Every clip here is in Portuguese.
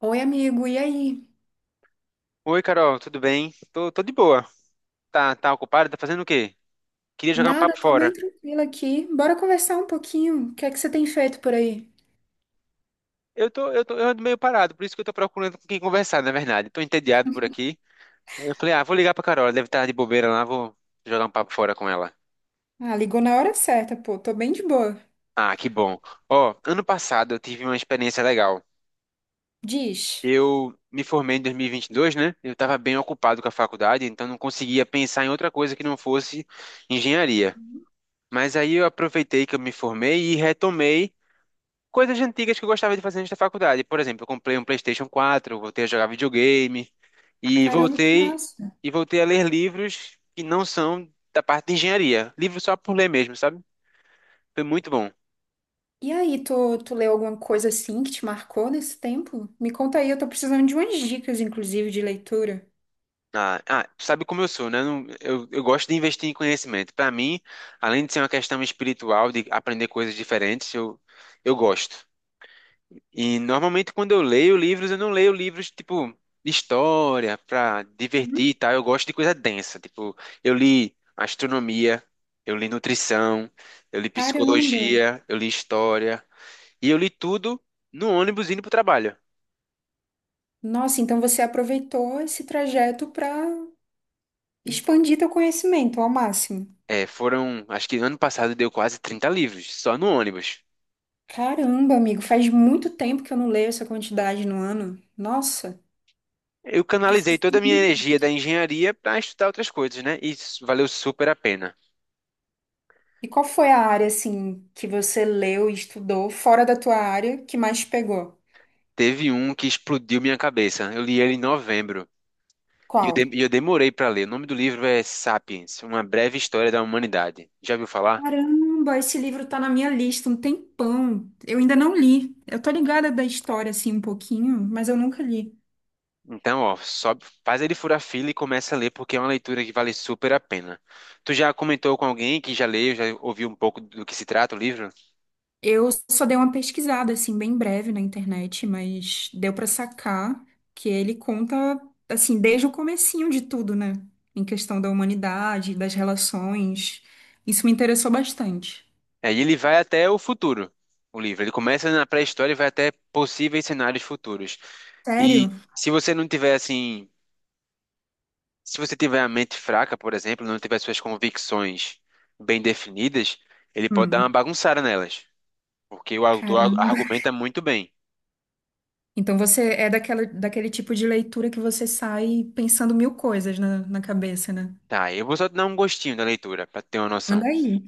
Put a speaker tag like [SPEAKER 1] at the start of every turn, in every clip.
[SPEAKER 1] Oi, amigo, e aí?
[SPEAKER 2] Oi, Carol, tudo bem? Tô de boa. Tá ocupado? Tá fazendo o quê? Queria jogar um
[SPEAKER 1] Nada,
[SPEAKER 2] papo
[SPEAKER 1] tô bem
[SPEAKER 2] fora.
[SPEAKER 1] tranquila aqui. Bora conversar um pouquinho. O que é que você tem feito por aí?
[SPEAKER 2] Eu ando meio parado, por isso que eu tô procurando com quem conversar, na verdade. Tô entediado por aqui. Aí eu falei, ah, vou ligar pra Carol, ela deve estar de bobeira lá, vou jogar um papo fora com ela.
[SPEAKER 1] Ah, ligou na hora certa, pô. Tô bem de boa.
[SPEAKER 2] Ah, que bom. Ó, ano passado eu tive uma experiência legal.
[SPEAKER 1] Diz.
[SPEAKER 2] Eu me formei em 2022, né? Eu tava bem ocupado com a faculdade, então não conseguia pensar em outra coisa que não fosse engenharia. Mas aí eu aproveitei que eu me formei e retomei coisas antigas que eu gostava de fazer antes da faculdade. Por exemplo, eu comprei um PlayStation 4, voltei a jogar videogame e
[SPEAKER 1] Caramba, que
[SPEAKER 2] voltei
[SPEAKER 1] massa.
[SPEAKER 2] e voltei a ler livros que não são da parte de engenharia, livros só por ler mesmo, sabe? Foi muito bom.
[SPEAKER 1] E aí, tu leu alguma coisa assim que te marcou nesse tempo? Me conta aí, eu tô precisando de umas dicas, inclusive, de leitura.
[SPEAKER 2] Ah, tu sabe como eu sou, né? Eu gosto de investir em conhecimento. Para mim, além de ser uma questão espiritual, de aprender coisas diferentes, eu gosto. E normalmente quando eu leio livros, eu não leio livros tipo de história pra
[SPEAKER 1] Hum?
[SPEAKER 2] divertir e tal. Eu gosto de coisa densa. Tipo, eu li astronomia, eu li nutrição, eu li
[SPEAKER 1] Caramba.
[SPEAKER 2] psicologia, eu li história. E eu li tudo no ônibus indo pro trabalho.
[SPEAKER 1] Nossa, então você aproveitou esse trajeto pra expandir teu conhecimento ao máximo.
[SPEAKER 2] É, foram, acho que ano passado deu quase 30 livros, só no ônibus.
[SPEAKER 1] Caramba, amigo, faz muito tempo que eu não leio essa quantidade no ano. Nossa.
[SPEAKER 2] Eu canalizei toda a minha energia da engenharia pra estudar outras coisas, né? E isso valeu super a pena.
[SPEAKER 1] E qual foi a área assim que você leu e estudou fora da tua área que mais te pegou?
[SPEAKER 2] Teve um que explodiu minha cabeça. Eu li ele em novembro.
[SPEAKER 1] Qual?
[SPEAKER 2] E eu demorei para ler. O nome do livro é Sapiens, Uma Breve História da Humanidade. Já ouviu falar?
[SPEAKER 1] Caramba, esse livro tá na minha lista um tempão. Eu ainda não li. Eu tô ligada da história, assim, um pouquinho, mas eu nunca li.
[SPEAKER 2] Então, ó, sobe, faz ele furar fila e começa a ler, porque é uma leitura que vale super a pena. Tu já comentou com alguém que já leu, já ouviu um pouco do que se trata o livro?
[SPEAKER 1] Eu só dei uma pesquisada, assim, bem breve na internet, mas deu pra sacar que ele conta, assim, desde o comecinho de tudo, né? Em questão da humanidade, das relações. Isso me interessou bastante.
[SPEAKER 2] É, e ele vai até o futuro, o livro. Ele começa na pré-história e vai até possíveis cenários futuros.
[SPEAKER 1] Sério?
[SPEAKER 2] E se você não tiver, assim, se você tiver a mente fraca, por exemplo, não tiver suas convicções bem definidas, ele pode dar uma
[SPEAKER 1] Hum.
[SPEAKER 2] bagunçada nelas. Porque o autor
[SPEAKER 1] Caramba.
[SPEAKER 2] argumenta muito bem.
[SPEAKER 1] Então você é daquela, daquele tipo de leitura que você sai pensando mil coisas na, na cabeça, né?
[SPEAKER 2] Tá, eu vou só dar um gostinho da leitura, para ter uma noção.
[SPEAKER 1] Anda aí.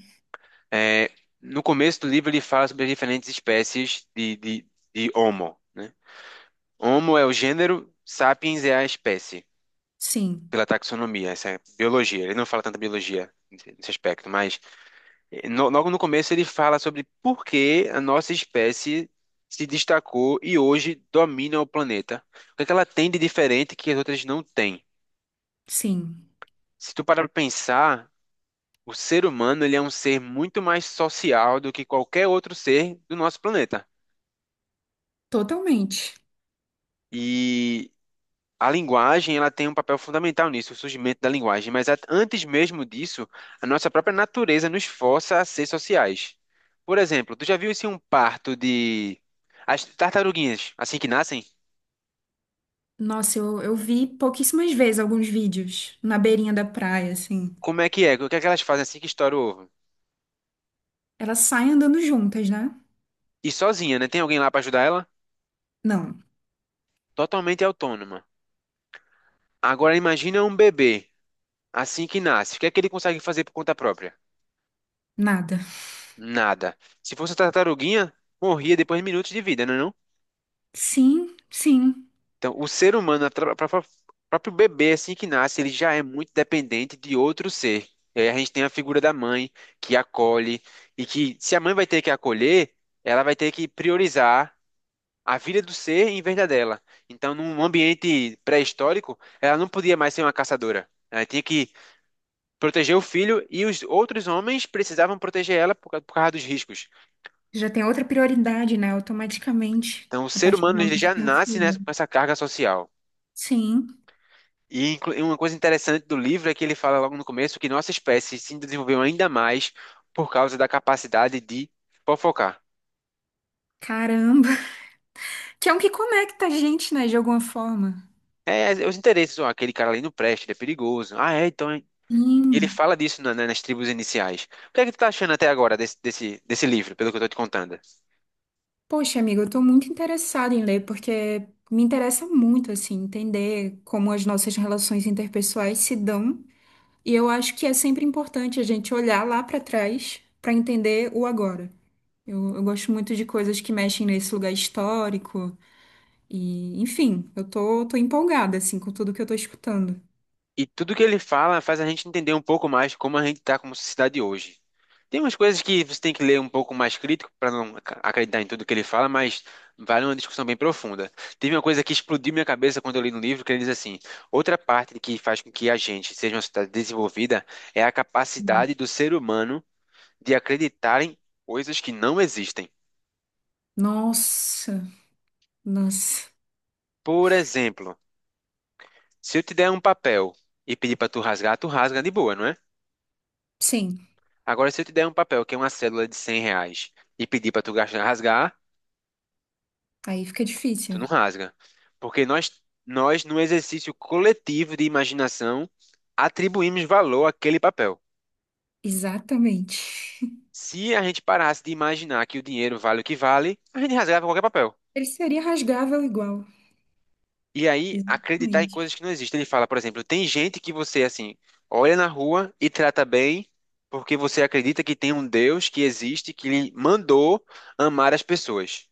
[SPEAKER 2] É, no começo do livro, ele fala sobre as diferentes espécies de Homo, né? Homo é o gênero, Sapiens é a espécie,
[SPEAKER 1] Sim,
[SPEAKER 2] pela taxonomia, essa é a biologia. Ele não fala tanta biologia nesse aspecto, mas logo no começo ele fala sobre por que a nossa espécie se destacou e hoje domina o planeta. O que é que ela tem de diferente que as outras não têm?
[SPEAKER 1] sim,
[SPEAKER 2] Se tu parar para pensar, o ser humano, ele é um ser muito mais social do que qualquer outro ser do nosso planeta.
[SPEAKER 1] totalmente.
[SPEAKER 2] E a linguagem, ela tem um papel fundamental nisso, o surgimento da linguagem. Mas antes mesmo disso, a nossa própria natureza nos força a ser sociais. Por exemplo, tu já viu assim um parto de as tartaruguinhas, assim que nascem?
[SPEAKER 1] Nossa, eu vi pouquíssimas vezes alguns vídeos na beirinha da praia, assim.
[SPEAKER 2] Como é que é? O que é que elas fazem assim que estoura o ovo?
[SPEAKER 1] Elas saem andando juntas, né?
[SPEAKER 2] E sozinha, né? Tem alguém lá para ajudar ela?
[SPEAKER 1] Não,
[SPEAKER 2] Totalmente autônoma. Agora imagina um bebê assim que nasce. O que é que ele consegue fazer por conta própria?
[SPEAKER 1] nada.
[SPEAKER 2] Nada. Se fosse uma tartaruguinha, morria depois de minutos de vida, não é não?
[SPEAKER 1] Sim, sim.
[SPEAKER 2] Então, o ser humano, a tra- pra- pra- próprio bebê, assim que nasce, ele já é muito dependente de outro ser. E aí a gente tem a figura da mãe, que acolhe, e que, se a mãe vai ter que acolher, ela vai ter que priorizar a vida do ser em vez da dela. Então, num ambiente pré-histórico, ela não podia mais ser uma caçadora. Ela tinha que proteger o filho e os outros homens precisavam proteger ela por causa dos riscos.
[SPEAKER 1] Já tem outra prioridade, né? Automaticamente,
[SPEAKER 2] Então, o
[SPEAKER 1] a
[SPEAKER 2] ser
[SPEAKER 1] partir do
[SPEAKER 2] humano ele
[SPEAKER 1] momento que
[SPEAKER 2] já
[SPEAKER 1] tem um
[SPEAKER 2] nasce nessa,
[SPEAKER 1] filho.
[SPEAKER 2] com essa carga social.
[SPEAKER 1] Sim,
[SPEAKER 2] E uma coisa interessante do livro é que ele fala logo no começo que nossa espécie se desenvolveu ainda mais por causa da capacidade de fofocar.
[SPEAKER 1] caramba. Que é um que conecta a gente, né? De alguma forma.
[SPEAKER 2] É, é os interesses, ó, aquele cara ali não presta, ele é perigoso. Ah, é, então. É. Ele
[SPEAKER 1] Sim.
[SPEAKER 2] fala disso nas tribos iniciais. O que é que tu tá achando até agora desse livro, pelo que eu tô te contando?
[SPEAKER 1] Poxa, amigo, eu tô muito interessada em ler porque me interessa muito assim entender como as nossas relações interpessoais se dão, e eu acho que é sempre importante a gente olhar lá pra trás pra entender o agora. Eu gosto muito de coisas que mexem nesse lugar histórico e, enfim, eu tô, tô empolgada assim com tudo que eu tô escutando.
[SPEAKER 2] E tudo que ele fala faz a gente entender um pouco mais como a gente tá como sociedade hoje. Tem umas coisas que você tem que ler um pouco mais crítico para não acreditar em tudo que ele fala, mas vale uma discussão bem profunda. Teve uma coisa que explodiu minha cabeça quando eu li no livro, que ele diz assim: outra parte que faz com que a gente seja uma sociedade desenvolvida é a
[SPEAKER 1] Hum.
[SPEAKER 2] capacidade do ser humano de acreditar em coisas que não existem.
[SPEAKER 1] Nossa, nossa.
[SPEAKER 2] Por exemplo, se eu te der um papel e pedir para tu rasgar, tu rasga de boa, não é?
[SPEAKER 1] Sim,
[SPEAKER 2] Agora, se eu te der um papel que é uma cédula de R$ 100 e pedir para tu gastar, rasgar,
[SPEAKER 1] aí fica
[SPEAKER 2] tu não
[SPEAKER 1] difícil.
[SPEAKER 2] rasga. Porque nós, no exercício coletivo de imaginação, atribuímos valor àquele papel.
[SPEAKER 1] Exatamente.
[SPEAKER 2] Se a gente parasse de imaginar que o dinheiro vale o que vale, a gente rasgava qualquer papel.
[SPEAKER 1] Ele seria rasgável igual.
[SPEAKER 2] E aí, acreditar em
[SPEAKER 1] Exatamente.
[SPEAKER 2] coisas que não existem. Ele fala, por exemplo, tem gente que você, assim, olha na rua e trata bem porque você acredita que tem um Deus que existe, que lhe mandou amar as pessoas.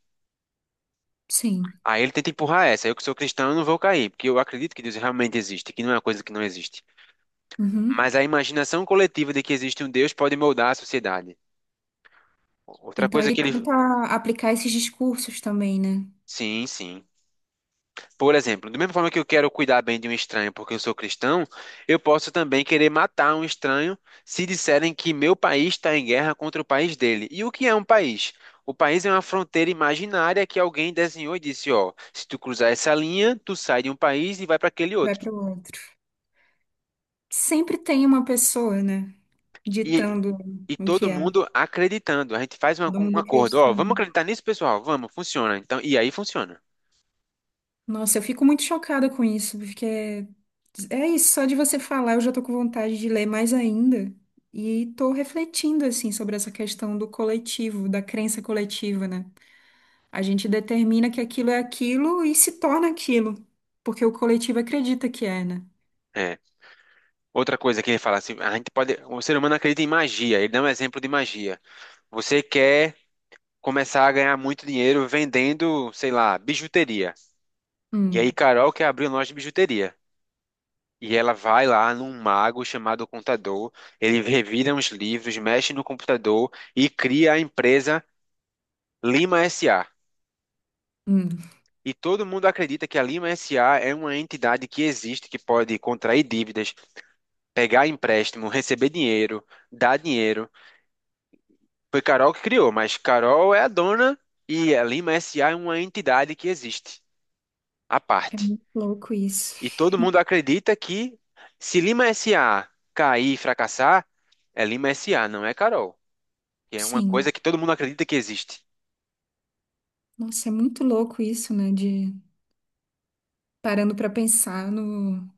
[SPEAKER 1] Sim.
[SPEAKER 2] Aí ele tenta empurrar essa. Eu que sou cristão, eu não vou cair, porque eu acredito que Deus realmente existe, que não é uma coisa que não existe.
[SPEAKER 1] Uhum.
[SPEAKER 2] Mas a imaginação coletiva de que existe um Deus pode moldar a sociedade. Outra
[SPEAKER 1] Então
[SPEAKER 2] coisa
[SPEAKER 1] ele
[SPEAKER 2] que ele.
[SPEAKER 1] tenta aplicar esses discursos também, né?
[SPEAKER 2] Sim, sim. Por exemplo, da mesma forma que eu quero cuidar bem de um estranho porque eu sou cristão, eu posso também querer matar um estranho se disserem que meu país está em guerra contra o país dele. E o que é um país? O país é uma fronteira imaginária que alguém desenhou e disse: ó, se tu cruzar essa linha, tu sai de um país e vai para aquele
[SPEAKER 1] Vai
[SPEAKER 2] outro.
[SPEAKER 1] para o outro. Sempre tem uma pessoa, né?
[SPEAKER 2] E,
[SPEAKER 1] Ditando
[SPEAKER 2] e
[SPEAKER 1] o que
[SPEAKER 2] todo
[SPEAKER 1] é.
[SPEAKER 2] mundo acreditando. A gente faz
[SPEAKER 1] Todo
[SPEAKER 2] um
[SPEAKER 1] mundo
[SPEAKER 2] acordo. Ó, vamos
[SPEAKER 1] acreditando.
[SPEAKER 2] acreditar nisso, pessoal? Vamos, funciona. Então, e aí funciona.
[SPEAKER 1] Nossa, eu fico muito chocada com isso, porque é, é isso, só de você falar eu já tô com vontade de ler mais ainda. E tô refletindo, assim, sobre essa questão do coletivo, da crença coletiva, né? A gente determina que aquilo é aquilo e se torna aquilo, porque o coletivo acredita que é, né?
[SPEAKER 2] É. Outra coisa que ele fala assim, a gente pode, o ser humano acredita em magia. Ele dá um exemplo de magia. Você quer começar a ganhar muito dinheiro vendendo, sei lá, bijuteria. E
[SPEAKER 1] Hum,
[SPEAKER 2] aí Carol quer abrir uma loja de bijuteria. E ela vai lá num mago chamado Contador, ele revira uns livros, mexe no computador e cria a empresa Lima SA.
[SPEAKER 1] hum.
[SPEAKER 2] E todo mundo acredita que a Lima SA é uma entidade que existe, que pode contrair dívidas, pegar empréstimo, receber dinheiro, dar dinheiro. Foi Carol que criou, mas Carol é a dona e a Lima SA é uma entidade que existe, à parte.
[SPEAKER 1] Louco isso.
[SPEAKER 2] E todo mundo acredita que se Lima SA cair e fracassar, é Lima SA, não é Carol. Que é uma
[SPEAKER 1] Sim.
[SPEAKER 2] coisa que todo mundo acredita que existe.
[SPEAKER 1] Nossa, é muito louco isso, né? De parando para pensar no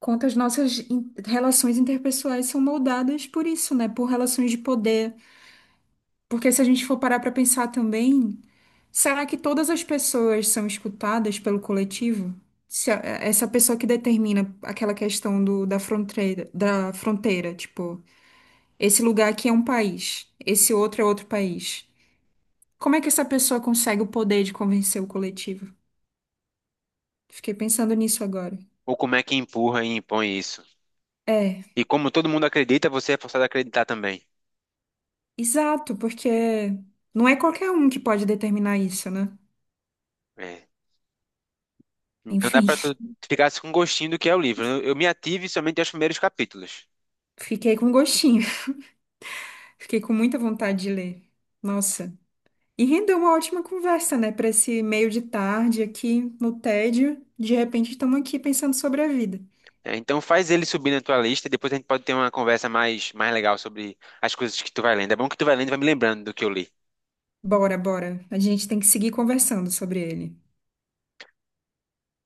[SPEAKER 1] quanto as nossas in- relações interpessoais são moldadas por isso, né? Por relações de poder. Porque se a gente for parar para pensar também, será que todas as pessoas são escutadas pelo coletivo? Se a- é, essa pessoa que determina aquela questão do, da fronteira, tipo, esse lugar aqui é um país, esse outro é outro país. Como é que essa pessoa consegue o poder de convencer o coletivo? Fiquei pensando nisso agora.
[SPEAKER 2] Ou como é que empurra e impõe isso?
[SPEAKER 1] É,
[SPEAKER 2] E como todo mundo acredita, você é forçado a acreditar também.
[SPEAKER 1] exato, porque não é qualquer um que pode determinar isso, né?
[SPEAKER 2] É, não dá
[SPEAKER 1] Enfim,
[SPEAKER 2] pra tu ficar assim com gostinho do que é o livro. Eu me ative somente aos primeiros capítulos.
[SPEAKER 1] fiquei com gostinho, fiquei com muita vontade de ler. Nossa. E rendeu uma ótima conversa, né? Para esse meio de tarde aqui no tédio. De repente estamos aqui pensando sobre a vida.
[SPEAKER 2] É, então faz ele subir na tua lista, depois a gente pode ter uma conversa mais legal sobre as coisas que tu vai lendo. É bom que tu vai lendo e vai me lembrando do que eu li.
[SPEAKER 1] Bora, bora. A gente tem que seguir conversando sobre ele.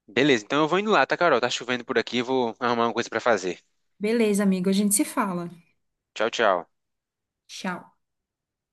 [SPEAKER 2] Beleza, então eu vou indo lá, tá, Carol? Tá chovendo por aqui, vou arrumar uma coisa pra fazer.
[SPEAKER 1] Beleza, amigo, a gente se fala.
[SPEAKER 2] Tchau, tchau.
[SPEAKER 1] Tchau.